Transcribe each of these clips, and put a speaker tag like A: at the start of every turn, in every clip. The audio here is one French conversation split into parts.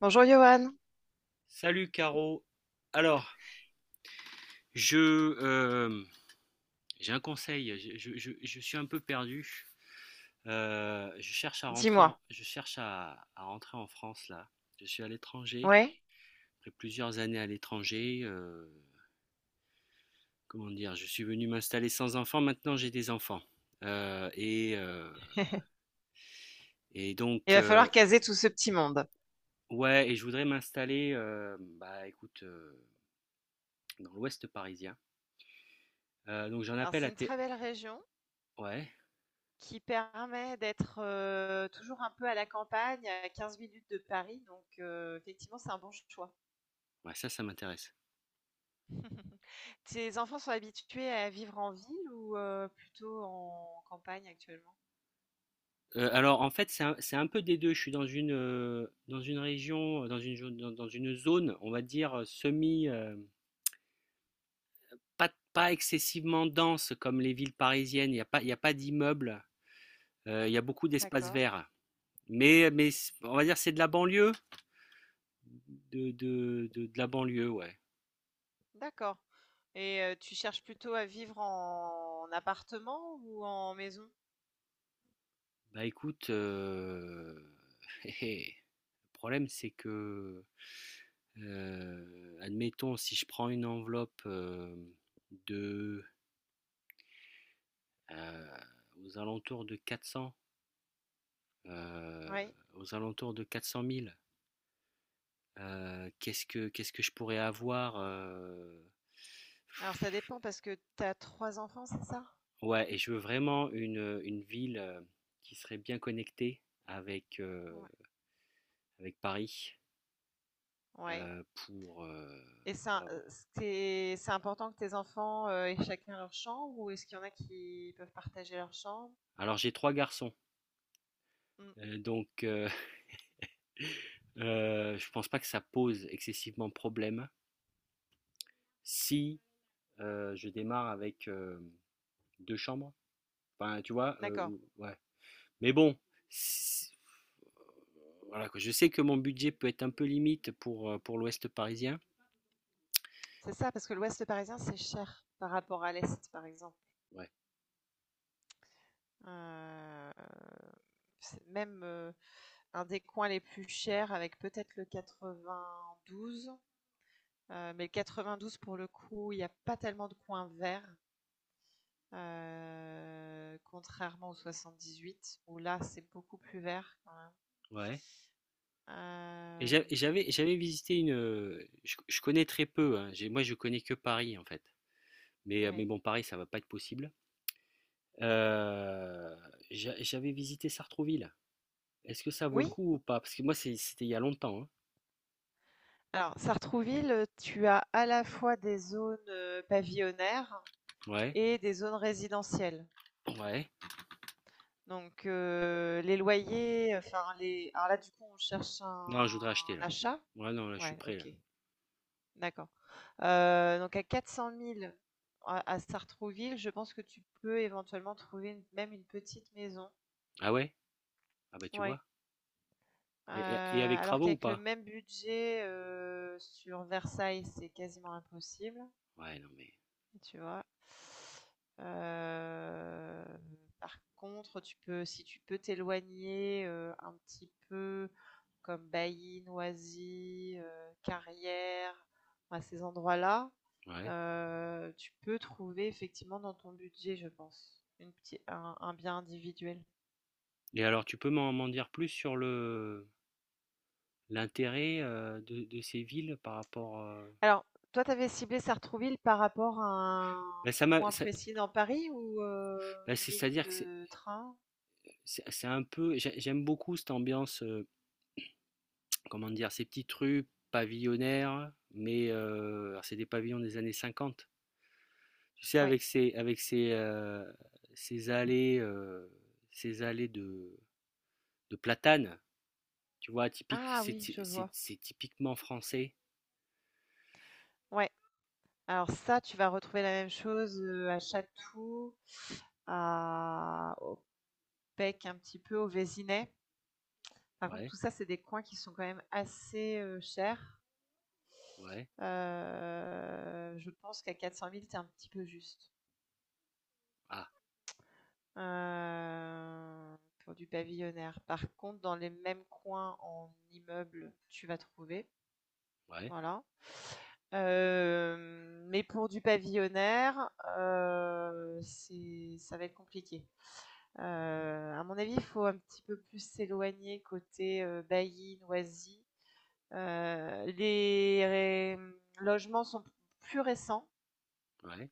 A: Bonjour Johan,
B: Salut, Caro. Alors, je euh, j'ai un conseil. Je suis un peu perdu.
A: dis-moi,
B: Je cherche à rentrer en France là. Je suis à l'étranger.
A: ouais,
B: Après plusieurs années à l'étranger, comment dire, je suis venu m'installer sans enfants. Maintenant, j'ai des enfants. Euh, et euh, et
A: il
B: donc
A: va
B: euh,
A: falloir caser tout ce petit monde.
B: ouais. Et je voudrais m'installer, bah écoute, dans l'Ouest parisien. Donc j'en
A: Alors
B: appelle
A: c'est
B: à
A: une
B: tes.
A: très belle région
B: Ouais.
A: qui permet d'être toujours un peu à la campagne, à 15 minutes de Paris, donc effectivement c'est un bon choix.
B: Ouais, ça m'intéresse.
A: Tes enfants sont habitués à vivre en ville ou plutôt en campagne actuellement?
B: Alors en fait, c'est un peu des 2. Je suis dans une région, dans une zone, on va dire, pas excessivement dense comme les villes parisiennes. Il y a pas d'immeubles, il y a beaucoup d'espaces
A: D'accord,
B: verts. Mais c on va dire, c'est de la banlieue, de la banlieue, ouais.
A: d'accord. Et tu cherches plutôt à vivre en appartement ou en maison?
B: Bah, écoute, le problème, c'est que, admettons, si je prends une enveloppe, hem, de euh, aux alentours de 400, euh,
A: Oui.
B: aux alentours de 400 000. Qu'est-ce que je pourrais avoir.
A: Alors ça dépend parce que tu as trois enfants, c'est ça?
B: Ouais, et je veux vraiment une ville, qui serait bien connectée avec euh,
A: Ouais.
B: avec Paris
A: Ouais.
B: pour
A: Et c'est
B: Voilà, bon.
A: euh, c'est important que tes enfants aient chacun leur chambre ou est-ce qu'il y en a qui peuvent partager leur chambre?
B: Alors j'ai trois garçons,
A: Mm,
B: donc je pense pas que ça pose excessivement problème si je démarre avec deux chambres. Enfin, tu vois,
A: d'accord.
B: ouais. Mais bon, si- voilà. Je sais que mon budget peut être un peu limite pour l'Ouest parisien.
A: C'est ça, parce que l'Ouest parisien, c'est cher par rapport à l'Est, par exemple.
B: Ouais.
A: Euh, c'est même un des coins les plus chers avec peut-être le 92. Mais le 92, pour le coup, il n'y a pas tellement de coins verts, contrairement au 78, où là, c'est beaucoup plus vert.
B: Ouais. Et
A: Euh,
B: j'avais visité une. Je connais très peu, hein. Moi, je connais que Paris en fait. Mais
A: Oui.
B: bon, Paris, ça va pas être possible. Euh, J'avais visité Sartrouville. Est-ce que ça vaut le
A: Oui,
B: coup ou pas? Parce que moi, c'était il y a longtemps, hein.
A: alors Sartrouville, tu as à la fois des zones pavillonnaires
B: Ouais.
A: et des zones résidentielles.
B: Ouais.
A: Donc les loyers, enfin les. Alors là, du coup, on cherche un,
B: Non, je voudrais acheter
A: un
B: là.
A: achat.
B: Ouais, non, là, je suis
A: Ouais,
B: prêt là.
A: ok, d'accord. Donc à 400 000 à Sartrouville, je pense que tu peux éventuellement trouver même une petite maison.
B: Ah ouais? Ah bah, tu
A: Ouais.
B: vois. Et avec
A: Euh, alors
B: travaux ou
A: qu'avec le
B: pas?
A: même budget sur Versailles, c'est quasiment impossible.
B: Ouais, non mais.
A: Tu vois? Heu, Par contre, tu peux si tu peux t'éloigner, un petit peu comme Bailly, Noisy, Carrières, à ces endroits-là,
B: Ouais.
A: tu peux trouver effectivement dans ton budget, je pense, une petit un bien individuel.
B: Et alors, tu peux m'en dire plus sur le l'intérêt, de ces villes par rapport.
A: Alors, toi, tu avais ciblé Sartrouville par rapport à un
B: bah, ça m'a
A: point
B: ça-
A: précis dans Paris ou, une ligne
B: c'est-à-dire que
A: de train?
B: c'est un peu j'aime beaucoup cette ambiance, comment dire, ces petites rues pavillonnaires, mais alors c'est des pavillons des années 50, tu sais,
A: Ouais.
B: avec ces allées de platanes. Tu vois, typique,
A: Ah
B: c'est
A: oui,
B: ty-
A: je vois.
B: c'est typiquement français.
A: Ouais. Alors ça, tu vas retrouver la même chose, à Château, à au Pec, un petit peu, au Vésinet. Par contre,
B: Ouais,
A: tout ça, c'est des coins qui sont quand même assez, chers.
B: ouais.
A: Je pense qu'à 400 000, tu es un petit peu juste,
B: Ah
A: heu, pour du pavillonnaire. Par contre, dans les mêmes coins en immeuble, tu vas trouver,
B: ouais,
A: voilà. Mais pour du pavillonnaire, c'est ça va être compliqué. À mon avis, il faut un petit peu plus s'éloigner côté, Bailli, Noisy. Les mmh, logements sont plus récents,
B: ouais,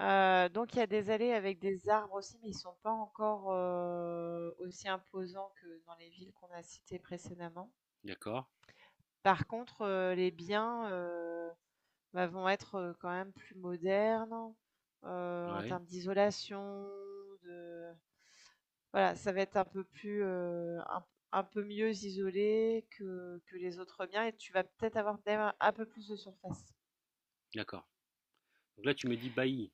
A: donc il y a des allées avec des arbres aussi, mais ils ne sont pas encore, aussi imposants que dans les villes qu'on a citées précédemment.
B: d'accord.
A: Par contre, les biens, bah, vont être, quand même plus modernes, en
B: Ouais.
A: termes d'isolation, de voilà, ça va être un peu plus, un peu mieux isolé que les autres biens et tu vas peut-être avoir même un peu plus de surface.
B: D'accord. Donc là, tu me dis Bailly,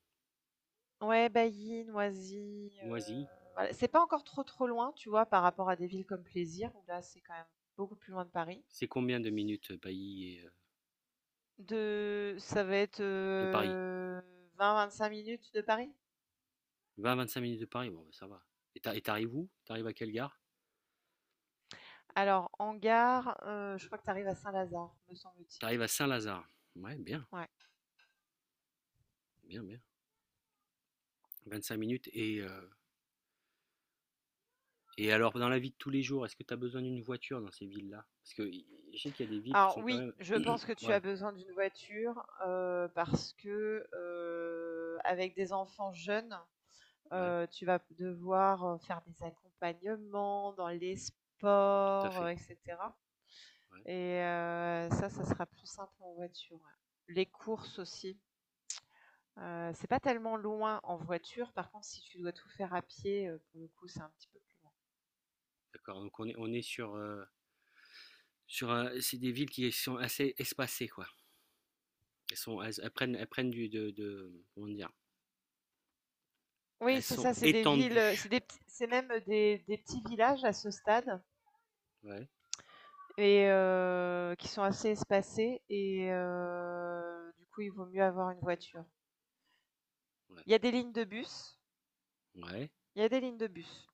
A: Ouais, Bailly, Noisy,
B: Noisy.
A: voilà. C'est pas encore trop, trop loin, tu vois, par rapport à des villes comme Plaisir où là, c'est quand même beaucoup plus loin de Paris.
B: C'est combien de minutes, Bailly
A: De Ça va être,
B: de Paris?
A: 25 minutes de Paris.
B: 20-25 minutes de Paris, bon, bah, ça va. Et t'arrives où? T'arrives à quelle gare?
A: Alors en gare, je crois que tu arrives à Saint-Lazare, me semble-t-il.
B: T'arrives à Saint-Lazare. Ouais, bien,
A: Ouais.
B: bien, bien. 25 minutes. Et alors, dans la vie de tous les jours, est-ce que t'as besoin d'une voiture dans ces villes-là? Parce que je sais qu'il y a des villes qui
A: Alors
B: sont quand
A: oui,
B: même.
A: je pense que tu
B: Ouais,
A: as besoin d'une voiture, parce que, avec des enfants jeunes,
B: ouais,
A: tu vas devoir, faire des accompagnements dans les
B: tout à
A: sports,
B: fait.
A: et cetera
B: Ouais,
A: et ça, ça sera plus simple en voiture, ouais. Les courses aussi, c'est pas tellement loin en voiture, par contre si tu dois tout faire à pied, pour le coup, c'est un petit peu plus loin.
B: d'accord. Donc, on est sur. Sur un- c'est des villes qui sont assez espacées, quoi. Elles prennent du. Comment dire,
A: Oui,
B: elles
A: c'est
B: sont
A: ça, c'est des villes,
B: étendues.
A: c'est même, des petits villages à ce stade
B: Ouais.
A: et qui sont assez espacées et du coup, il vaut mieux avoir une voiture.
B: Ouais.
A: Il y a des lignes de bus
B: Ouais,
A: il y a des lignes de bus.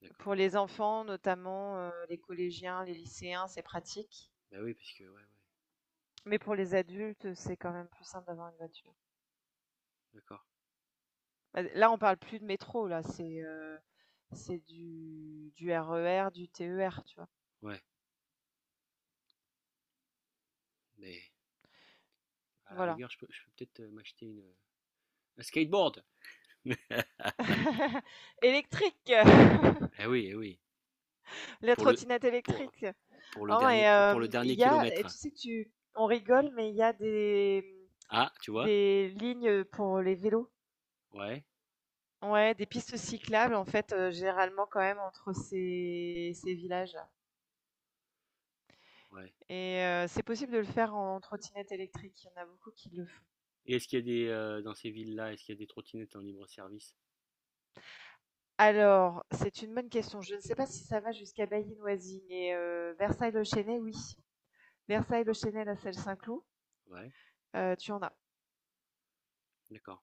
B: d'accord.
A: Pour les enfants notamment, les collégiens, les lycéens, c'est pratique.
B: Bah oui, parce que, ouais, ouais,
A: Mais pour les adultes, c'est quand même plus simple d'avoir une voiture.
B: d'accord.
A: Bah, là, on parle plus de métro là, c'est du RER, du TER, tu vois?
B: Ouais, mais à la
A: Voilà.
B: rigueur, je peux peut-être m'acheter un skateboard.
A: Électrique!
B: Eh oui, eh oui.
A: La
B: Pour le,
A: trottinette
B: pour,
A: électrique! Oh et
B: pour le
A: il
B: dernier
A: y a et
B: kilomètre.
A: tu sais que tu on rigole, mais il y a des
B: Ah, tu vois?
A: des lignes pour les vélos.
B: Ouais,
A: Ouais, des pistes cyclables en fait, généralement quand même entre ces villages-là
B: ouais.
A: et c'est possible de le faire en trottinette électrique, il y en a beaucoup qui le font.
B: Et est-ce qu'il y a des, Dans ces villes-là, est-ce qu'il y a des trottinettes en libre service?
A: Alors, c'est une bonne question. Je ne sais pas si ça va jusqu'à Bailly-Noisy, mais Versailles-le-Chênaie, oui.
B: D'accord.
A: Versailles-le-Chênaie, la Celle-Saint-Cloud,
B: Ouais,
A: tu en as.
B: d'accord.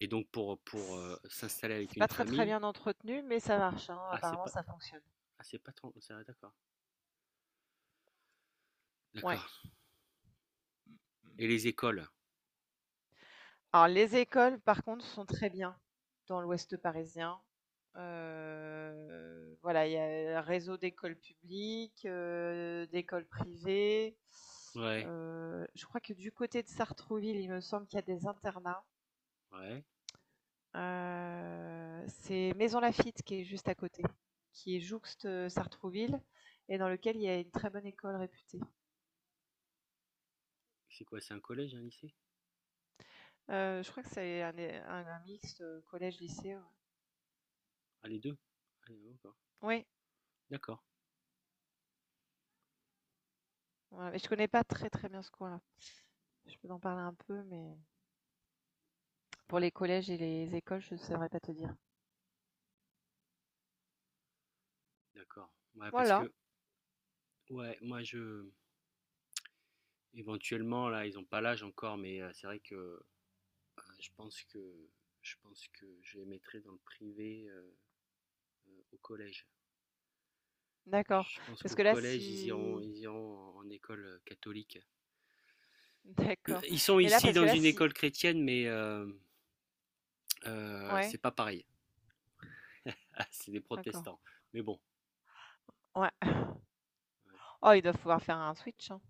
B: Et donc pour s'installer avec
A: C'est
B: une
A: pas très, très
B: famille.
A: bien entretenu, mais ça marche, hein,
B: Ah, c'est
A: apparemment
B: pas,
A: ça fonctionne.
B: ah, c'est pas trop, d'accord.
A: Ouais.
B: D'accord. Et les écoles?
A: Alors les écoles par contre sont très bien dans l'Ouest parisien. Voilà, il y a un réseau d'écoles publiques, d'écoles privées.
B: Ouais,
A: Je crois que du côté de Sartrouville, il me semble qu'il y a des internats.
B: ouais.
A: C'est Maison Laffitte qui est juste à côté, qui est jouxte, Sartrouville et dans lequel il y a une très bonne école réputée.
B: C'est quoi, c'est un collège, un lycée?
A: Je crois que c'est un é un mixte, collège-lycée, ouais.
B: Ah, les 2. Ah, d'accord.
A: Oui,
B: D'accord.
A: ouais, je connais pas très, très bien ce coin-là. Je peux en parler un peu, mais pour
B: Ouais,
A: les collèges et les écoles, je ne saurais pas te dire.
B: d'accord. Ouais, parce
A: Voilà,
B: que, ouais, moi, je. Éventuellement, là, ils n'ont pas l'âge encore, mais c'est vrai que je pense que je pense que je les mettrai dans le privé, au collège.
A: d'accord.
B: Je pense
A: Parce
B: qu'au
A: que là,
B: collège,
A: si...
B: ils iront en école catholique.
A: D'accord.
B: Ils sont
A: Et là,
B: ici
A: parce que
B: dans
A: là,
B: une
A: si...
B: école chrétienne, mais c'est
A: Ouais,
B: pas pareil. Ah, c'est des
A: d'accord.
B: protestants. Mais bon.
A: Ouais.
B: Ouais.
A: Oh, ils doivent pouvoir faire un switch, hein.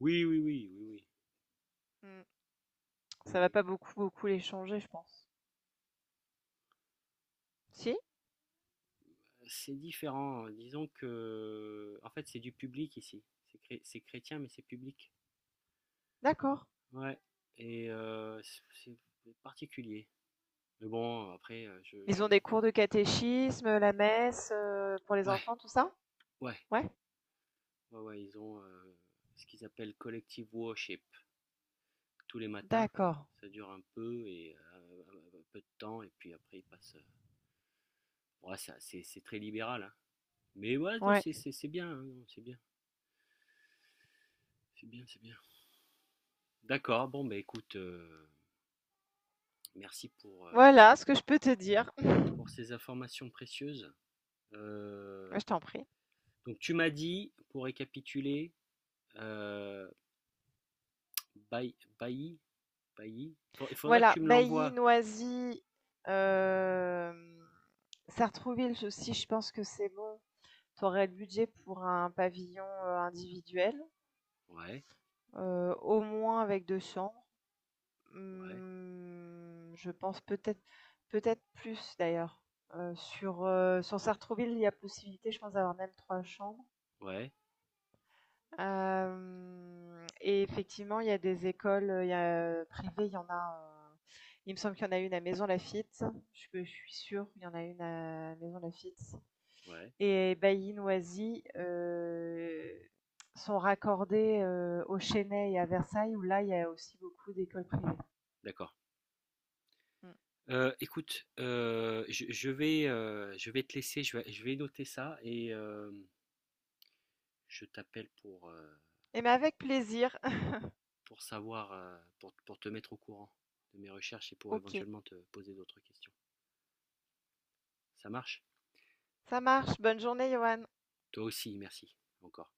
B: Oui, oui, oui, oui, oui,
A: Mm.
B: oui,
A: Ça va
B: oui.
A: pas beaucoup, beaucoup les changer, je pense. Si?
B: C'est différent, hein. Disons que, en fait, c'est du public ici. C'est chrétien, mais c'est public.
A: D'accord.
B: Ouais. Et c'est particulier. Mais bon, après, je,
A: Ils
B: je...
A: ont des cours de catéchisme, la messe, pour les
B: Ouais,
A: enfants, tout ça?
B: ouais,
A: Ouais.
B: ouais, ouais, ils ont ce qu'ils appellent collective worship tous les matins.
A: D'accord.
B: Ça dure un peu et un peu de temps et puis après ils passent. Ouais, ça, c'est très libéral, hein. Mais ouais, non,
A: Ouais.
B: c'est bien, hein, non, c'est bien, c'est bien, c'est bien. D'accord. Bon, bah écoute, merci
A: Voilà ce que je peux te dire.
B: pour ces informations précieuses. Euh,
A: Je t'en prie.
B: donc tu m'as dit, pour récapituler, euh, Bailly, Bailly, Bailly, il faudra que
A: Voilà,
B: tu me
A: Bailly,
B: l'envoies.
A: Noisy, hem, Sartrouville aussi, je pense que c'est bon. Tu aurais le budget pour un pavillon, individuel,
B: Ouais,
A: au moins avec 2 chambres.
B: ouais,
A: Mmh, je pense peut-être plus d'ailleurs, sur Sartrouville, il y a possibilité, je pense, d'avoir même 3 chambres.
B: ouais,
A: Hem Et effectivement, il y a des écoles, il y a, privées, il y en a, heu, il me semble qu'il y en a une à Maisons-Laffitte, je suis sûre, qu'il y en a une à Maisons-Laffitte
B: ouais,
A: et Bailly-Noisy, sont raccordées, au Chesnay et à Versailles où là, il y a aussi beaucoup d'écoles privées.
B: d'accord.
A: Mmh
B: Écoute, je vais te laisser, je vais noter ça et je t'appelle
A: et mais avec plaisir.
B: pour savoir, pour te mettre au courant de mes recherches et pour
A: OK.
B: éventuellement te poser d'autres questions. Ça marche?
A: Ça marche, bonne journée Johan.
B: Toi aussi, merci encore.